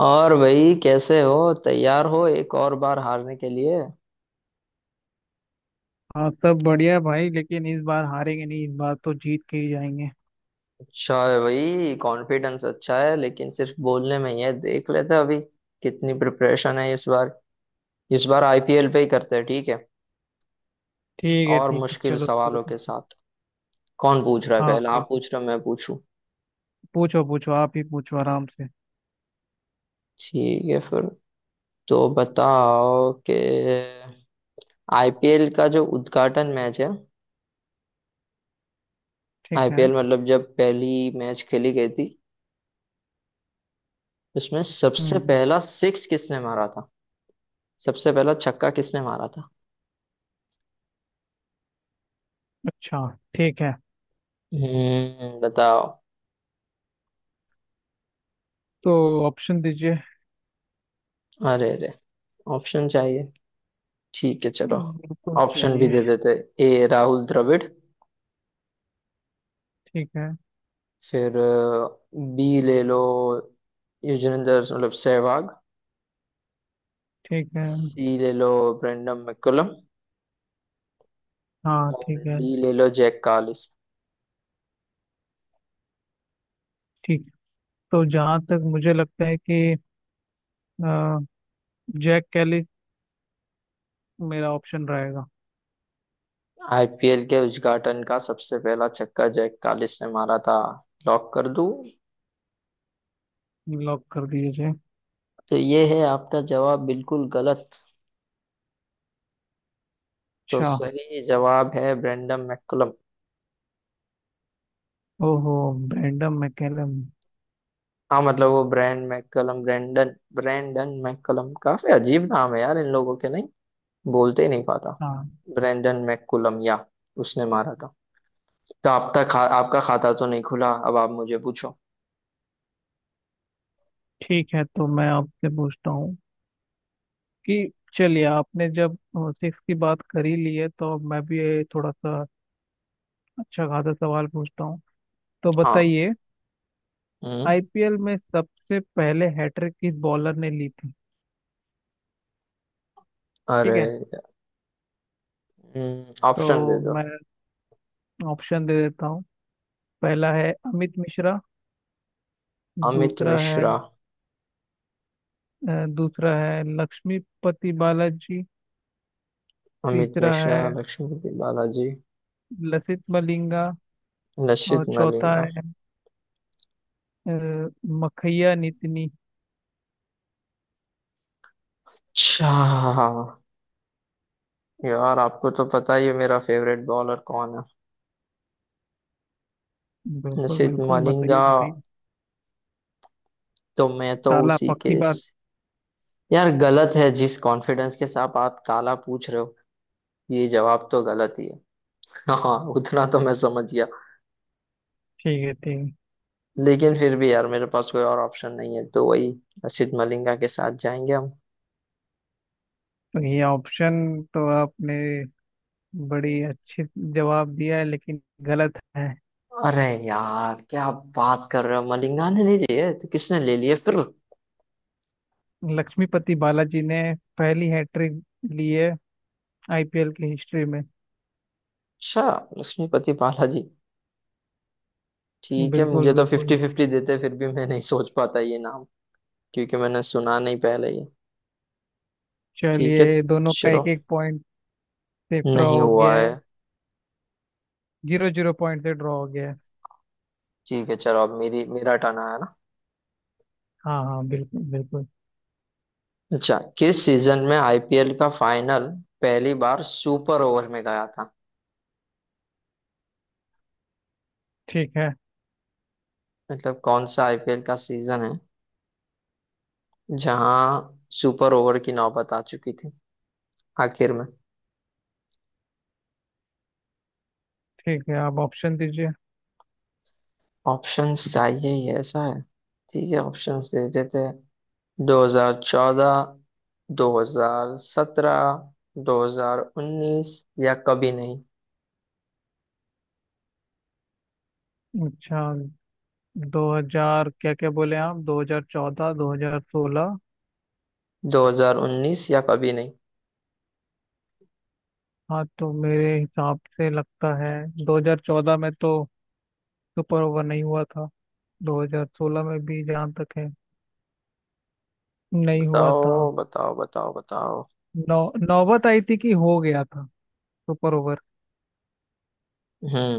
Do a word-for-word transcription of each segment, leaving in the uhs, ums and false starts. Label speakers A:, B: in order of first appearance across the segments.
A: और भाई, कैसे हो? तैयार हो एक और बार हारने के लिए?
B: हाँ, सब बढ़िया भाई, लेकिन इस बार हारेंगे नहीं। इस बार तो जीत के ही जाएंगे।
A: अच्छा है भाई, कॉन्फिडेंस अच्छा है, लेकिन सिर्फ बोलने में ही है। देख लेते हैं अभी कितनी प्रिपरेशन है इस बार। इस बार आईपीएल पे ही करते हैं, ठीक है?
B: ठीक है
A: और
B: ठीक है,
A: मुश्किल
B: चलो शुरू
A: सवालों के
B: करो।
A: साथ। कौन पूछ रहा है
B: हाँ
A: पहला? आप
B: बिल्कुल।
A: पूछ रहे हो, मैं पूछूं?
B: पूछो पूछो, आप ही पूछो आराम से।
A: ठीक है फिर। तो बताओ कि आईपीएल का जो उद्घाटन मैच है,
B: ठीक है।
A: आईपीएल मतलब जब पहली मैच खेली गई थी, उसमें सबसे
B: हम्म।
A: पहला सिक्स किसने मारा था? सबसे पहला छक्का किसने मारा था?
B: अच्छा। ठीक है।
A: हम्म, बताओ।
B: तो ऑप्शन दीजिए।
A: अरे अरे, ऑप्शन चाहिए? ठीक है चलो,
B: हम्म, बिल्कुल
A: ऑप्शन
B: चाहिए।
A: भी दे देते। ए राहुल द्रविड़।
B: ठीक है
A: फिर बी ले लो, युजवेंद्र मतलब सहवाग।
B: ठीक है।
A: सी ले लो ब्रेंडम मैकुलम।
B: हाँ
A: और
B: ठीक है।
A: डी ले लो जैक कालिस।
B: ठीक। तो जहाँ तक मुझे लगता है कि अ, जैक कैली मेरा ऑप्शन रहेगा।
A: आईपीएल के उद्घाटन का सबसे पहला छक्का जैक कालिस ने मारा था, लॉक कर दूं?
B: लॉक कर दीजिए।
A: तो ये है आपका जवाब, बिल्कुल गलत। तो
B: अच्छा।
A: सही जवाब है ब्रेंडम मैकुलम।
B: ओहो। Brendon McCullum.
A: हाँ, मतलब वो Brendon McCullum, Brendon Brendon McCullum, काफी अजीब नाम है यार इन लोगों के, नहीं बोलते ही नहीं पाता।
B: हाँ।
A: ब्रैंडन मैककुलम या, उसने मारा था। तो आपका खा, आपका खाता तो नहीं खुला, अब आप मुझे पूछो।
B: ठीक है, तो मैं आपसे पूछता हूँ कि चलिए, आपने जब सिक्स की बात कर ही ली है, तो अब मैं भी ये थोड़ा सा अच्छा खासा सवाल पूछता हूँ। तो
A: हाँ,
B: बताइए,
A: हम्म,
B: आईपीएल में सबसे पहले हैट्रिक किस बॉलर ने ली थी? ठीक
A: अरे,
B: है,
A: ऑप्शन दे
B: तो
A: दो।
B: मैं ऑप्शन दे देता हूँ। पहला है अमित मिश्रा।
A: अमित
B: दूसरा है
A: मिश्रा।
B: अ, दूसरा है लक्ष्मीपति बालाजी।
A: अमित
B: तीसरा
A: मिश्रा,
B: है
A: लक्ष्मीपति बालाजी,
B: लसित मलिंगा। और
A: लक्षित
B: चौथा
A: मलिंगा,
B: है अ, मखैया नितिनी।
A: अच्छा। यार, आपको तो पता ही है मेरा फेवरेट बॉलर कौन है,
B: बिल्कुल
A: लक्षित
B: बिल्कुल, बताइए
A: मलिंगा,
B: बताइए।
A: तो मैं तो
B: ताला,
A: उसी
B: पक्की
A: के।
B: बात।
A: यार गलत है, जिस कॉन्फिडेंस के साथ आप ताला पूछ रहे हो, ये जवाब तो गलत ही है। हाँ, उतना तो मैं समझ गया,
B: ठीक है। ठीक।
A: लेकिन फिर भी यार मेरे पास कोई और ऑप्शन नहीं है, तो वही असित मलिंगा के साथ जाएंगे हम।
B: तो ये ऑप्शन, तो आपने बड़ी अच्छी जवाब दिया है, लेकिन गलत है।
A: अरे यार, क्या बात कर रहे हो? मलिंगा ने नहीं लिए तो किसने ले लिए फिर?
B: लक्ष्मीपति बालाजी ने पहली हैट्रिक ली है आईपीएल की हिस्ट्री में।
A: अच्छा, लक्ष्मीपति बालाजी। ठीक है,
B: बिल्कुल
A: मुझे तो
B: बिल्कुल।
A: फिफ्टी फिफ्टी देते फिर भी मैं नहीं सोच पाता ये नाम, क्योंकि मैंने सुना नहीं पहले ये। ठीक है
B: चलिए, दोनों का
A: चलो।
B: एक एक पॉइंट से ड्रॉ
A: नहीं
B: हो
A: हुआ
B: गया
A: है।
B: है। जीरो जीरो पॉइंट से ड्रॉ हो गया है।
A: ठीक है चलो, अब मेरी मेरा टर्न आया ना।
B: हाँ हाँ, बिल्कुल बिल्कुल।
A: अच्छा, किस सीजन में आईपीएल का फाइनल पहली बार सुपर ओवर में गया था?
B: ठीक है
A: मतलब कौन सा आईपीएल का सीजन है जहां सुपर ओवर की नौबत आ चुकी थी आखिर में?
B: ठीक है, आप ऑप्शन दीजिए।
A: ऑप्शंस चाहिए ही, ऐसा है? ठीक है, ऑप्शंस दे देते हैं। दो हज़ार चौदह, दो हज़ार सत्रह, दो हज़ार उन्नीस, या कभी नहीं।
B: अच्छा, दो हज़ार, क्या क्या बोले आप, दो हज़ार चौदह, दो हज़ार सोलह?
A: दो हज़ार उन्नीस या कभी नहीं।
B: हाँ, तो मेरे हिसाब से लगता है दो हज़ार चौदह में तो सुपर ओवर नहीं हुआ था। दो हज़ार सोलह में भी जहाँ तक है नहीं हुआ था।
A: बताओ बताओ बताओ बताओ।
B: नौ नौबत आई थी कि हो गया था सुपर ओवर।
A: हम्म,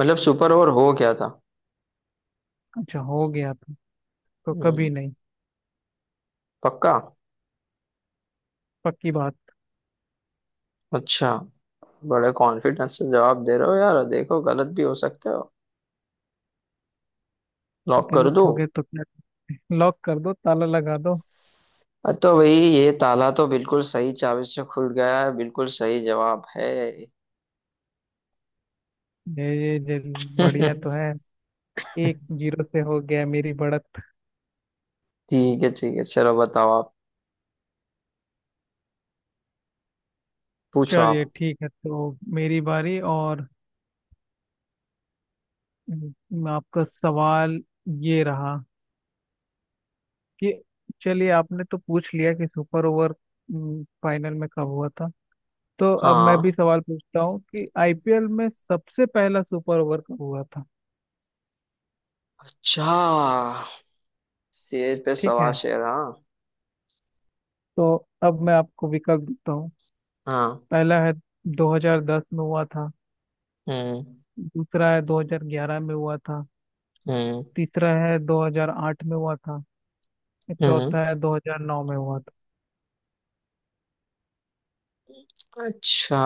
A: मतलब सुपर ओवर हो गया था।
B: अच्छा, हो गया था। तो कभी
A: हम्म।
B: नहीं,
A: पक्का?
B: पक्की बात।
A: अच्छा, बड़े कॉन्फिडेंस से जवाब दे रहे हो यार, देखो गलत भी हो सकते हो। लॉक कर
B: गलत
A: दूं?
B: हो गए तो क्या। लॉक कर दो, ताला लगा दो।
A: अ, तो भाई ये ताला तो बिल्कुल सही चाबी से खुल गया है, बिल्कुल सही जवाब है।
B: ये ये ये बढ़िया तो है। एक जीरो से हो गया मेरी बढ़त।
A: ठीक है ठीक है, चलो बताओ आप, पूछो
B: चलिए,
A: आप।
B: ठीक है, तो मेरी बारी। और अम, आपका सवाल ये रहा। ये, चलिए, आपने तो पूछ लिया कि सुपर ओवर हम्म, फाइनल में कब हुआ था। तो अब मैं
A: हाँ।
B: भी सवाल पूछता हूँ कि आईपीएल में सबसे पहला सुपर ओवर कब हुआ था।
A: अच्छा, शेर पे
B: ठीक
A: सवा
B: है,
A: शेर, हाँ।
B: तो अब मैं आपको विकल्प देता हूँ।
A: हाँ,
B: पहला है दो हज़ार दस में हुआ था।
A: हम्म,
B: दूसरा है दो हज़ार ग्यारह में हुआ था।
A: हम्म,
B: तीसरा है दो हज़ार आठ में हुआ था।
A: हम्म,
B: चौथा है दो हज़ार नौ में हुआ था।
A: अच्छा।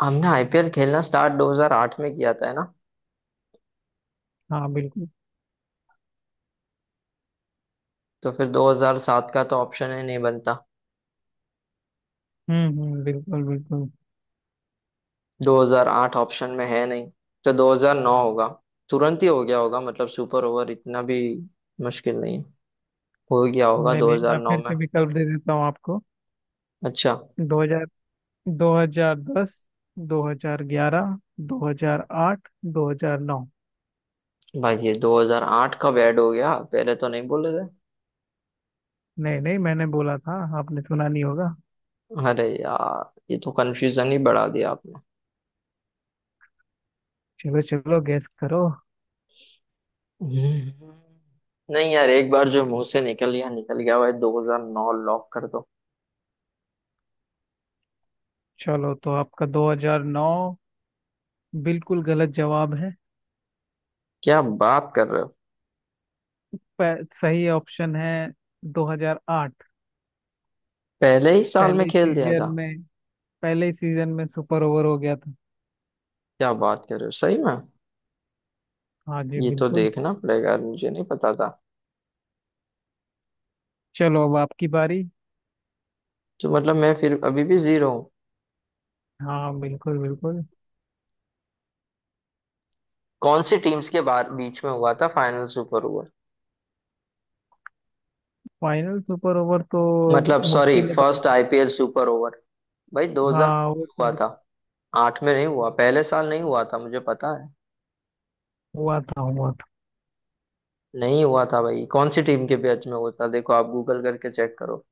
A: हमने आईपीएल खेलना स्टार्ट दो हज़ार आठ में किया था, है ना?
B: हाँ बिल्कुल।
A: तो फिर दो हज़ार सात का तो ऑप्शन ही नहीं बनता।
B: हम्म हम्म, बिल्कुल बिल्कुल।
A: दो हज़ार आठ ऑप्शन में है नहीं, तो दो हज़ार नौ होगा। तुरंत ही हो गया होगा, मतलब सुपर ओवर इतना भी मुश्किल नहीं है, हो गया होगा
B: नहीं नहीं, मैं
A: दो हज़ार नौ
B: फिर
A: में।
B: से विकल्प दे देता हूँ आपको।
A: अच्छा,
B: दो हज़ार दस, दो हज़ार ग्यारह, दो हज़ार आठ, दो हज़ार नौ।
A: भाई ये दो हज़ार आठ कब ऐड हो गया? पहले तो नहीं बोले थे।
B: नहीं नहीं, मैंने बोला था, आपने सुना नहीं होगा।
A: अरे यार, ये तो कंफ्यूजन ही बढ़ा दिया आपने।
B: चलो चलो, गैस करो।
A: हम्म। नहीं यार, एक बार जो मुंह से निकल गया निकल गया, भाई दो हज़ार नौ लॉक कर दो।
B: चलो, तो आपका दो हज़ार नौ बिल्कुल गलत जवाब है।
A: क्या बात कर रहे हो?
B: प- सही ऑप्शन है दो हज़ार आठ।
A: पहले ही साल
B: पहले
A: में
B: ही
A: खेल दिया
B: सीजन
A: था?
B: में, पहले ही सीजन में सुपर ओवर हो गया था।
A: क्या बात कर रहे हो, सही में?
B: हाँ जी
A: ये तो
B: बिल्कुल।
A: देखना पड़ेगा यार, मुझे नहीं पता था।
B: चलो, अब आपकी बारी।
A: तो मतलब मैं फिर अभी भी जीरो हूँ।
B: हाँ बिल्कुल बिल्कुल।
A: कौन सी टीम्स के बाहर बीच में हुआ था final super over,
B: final super over तो
A: मतलब सॉरी
B: मुश्किल है
A: फर्स्ट
B: बताना।
A: IPL super over? भाई
B: हाँ,
A: दो हज़ार नौ
B: वो
A: में हुआ
B: तो
A: था, आठ में नहीं हुआ, पहले साल नहीं हुआ था, मुझे पता है।
B: हुआ था, हुआ।
A: नहीं हुआ था भाई, कौन सी टीम के बीच में हुआ था, देखो आप गूगल करके चेक करो।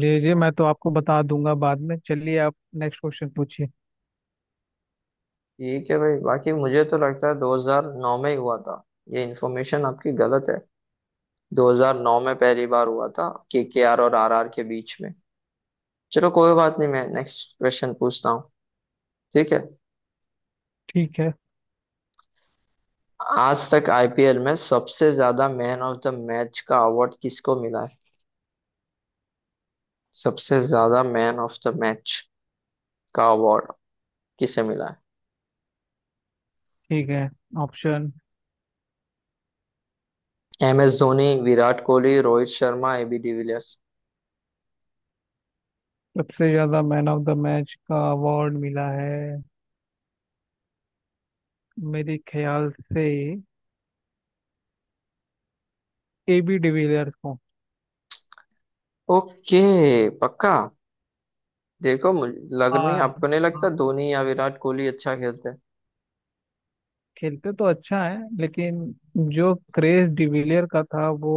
B: जी जी, मैं तो आपको बता दूंगा बाद में। चलिए, आप नेक्स्ट क्वेश्चन पूछिए।
A: ठीक है भाई, बाकी मुझे तो लगता है दो हज़ार नौ में ही हुआ था। ये इन्फॉर्मेशन आपकी गलत है। दो हज़ार नौ में पहली बार हुआ था, केकेआर और आरआर के बीच में। चलो कोई बात नहीं, मैं नेक्स्ट क्वेश्चन पूछता हूँ। ठीक है।
B: ठीक है
A: आज तक आईपीएल में सबसे ज्यादा मैन ऑफ द मैच का अवार्ड किसको मिला है? सबसे ज्यादा मैन ऑफ द मैच का अवार्ड किसे मिला
B: ठीक है। ऑप्शन।
A: है? M S Dhoni, Virat Kohli, Rohit Sharma, AB de Villiers.
B: सबसे ज्यादा मैन ऑफ द मैच का अवार्ड मिला है, मेरे ख्याल से, ए बी डिविलियर्स को।
A: ओके, पक्का? देखो मुझे लग नहीं,
B: हाँ
A: आपको नहीं
B: हाँ,
A: लगता धोनी या विराट कोहली अच्छा खेलते हैं?
B: खेलते तो अच्छा है, लेकिन जो क्रेज डिविलियर का था, वो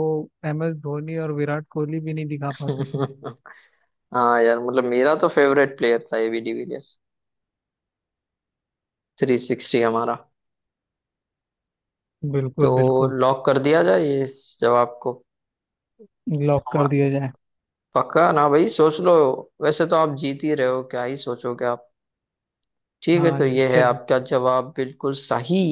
B: एम एस धोनी और विराट कोहली भी नहीं दिखा पाते थे।
A: हाँ यार, मतलब मेरा तो फेवरेट प्लेयर था एबी डिविलियर्स, थ्री सिक्सटी हमारा।
B: बिल्कुल
A: तो
B: बिल्कुल।
A: लॉक कर दिया जाए ये इस जवाब को?
B: लॉक कर दिया जाए।
A: पक्का ना भाई, सोच लो, वैसे तो आप जीत ही रहे हो, क्या ही सोचोगे आप। ठीक है,
B: हाँ
A: तो
B: जी
A: ये है
B: चलो।
A: आपका जवाब बिल्कुल सही।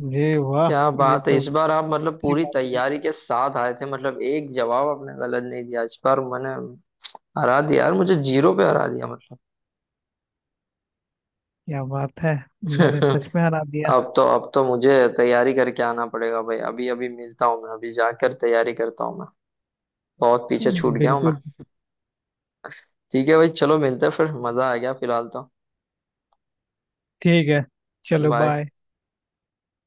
B: जी वाह।
A: क्या
B: ये
A: बात है,
B: तो
A: इस बार आप मतलब
B: अच्छी
A: पूरी
B: बात।
A: तैयारी के साथ आए थे, मतलब एक जवाब आपने गलत नहीं दिया इस बार। मैंने हरा दिया यार, मुझे जीरो पे हरा दिया,
B: क्या बात है। मैंने
A: मतलब।
B: सच में हरा दिया।
A: अब तो, अब तो मुझे तैयारी करके आना पड़ेगा भाई, अभी अभी मिलता हूँ मैं, अभी जाकर तैयारी करता हूँ मैं, बहुत पीछे छूट गया हूँ मैं।
B: बिल्कुल।
A: ठीक है भाई चलो, मिलते हैं फिर, मजा आ गया फिलहाल तो।
B: ठीक है। चलो
A: बाय।
B: बाय।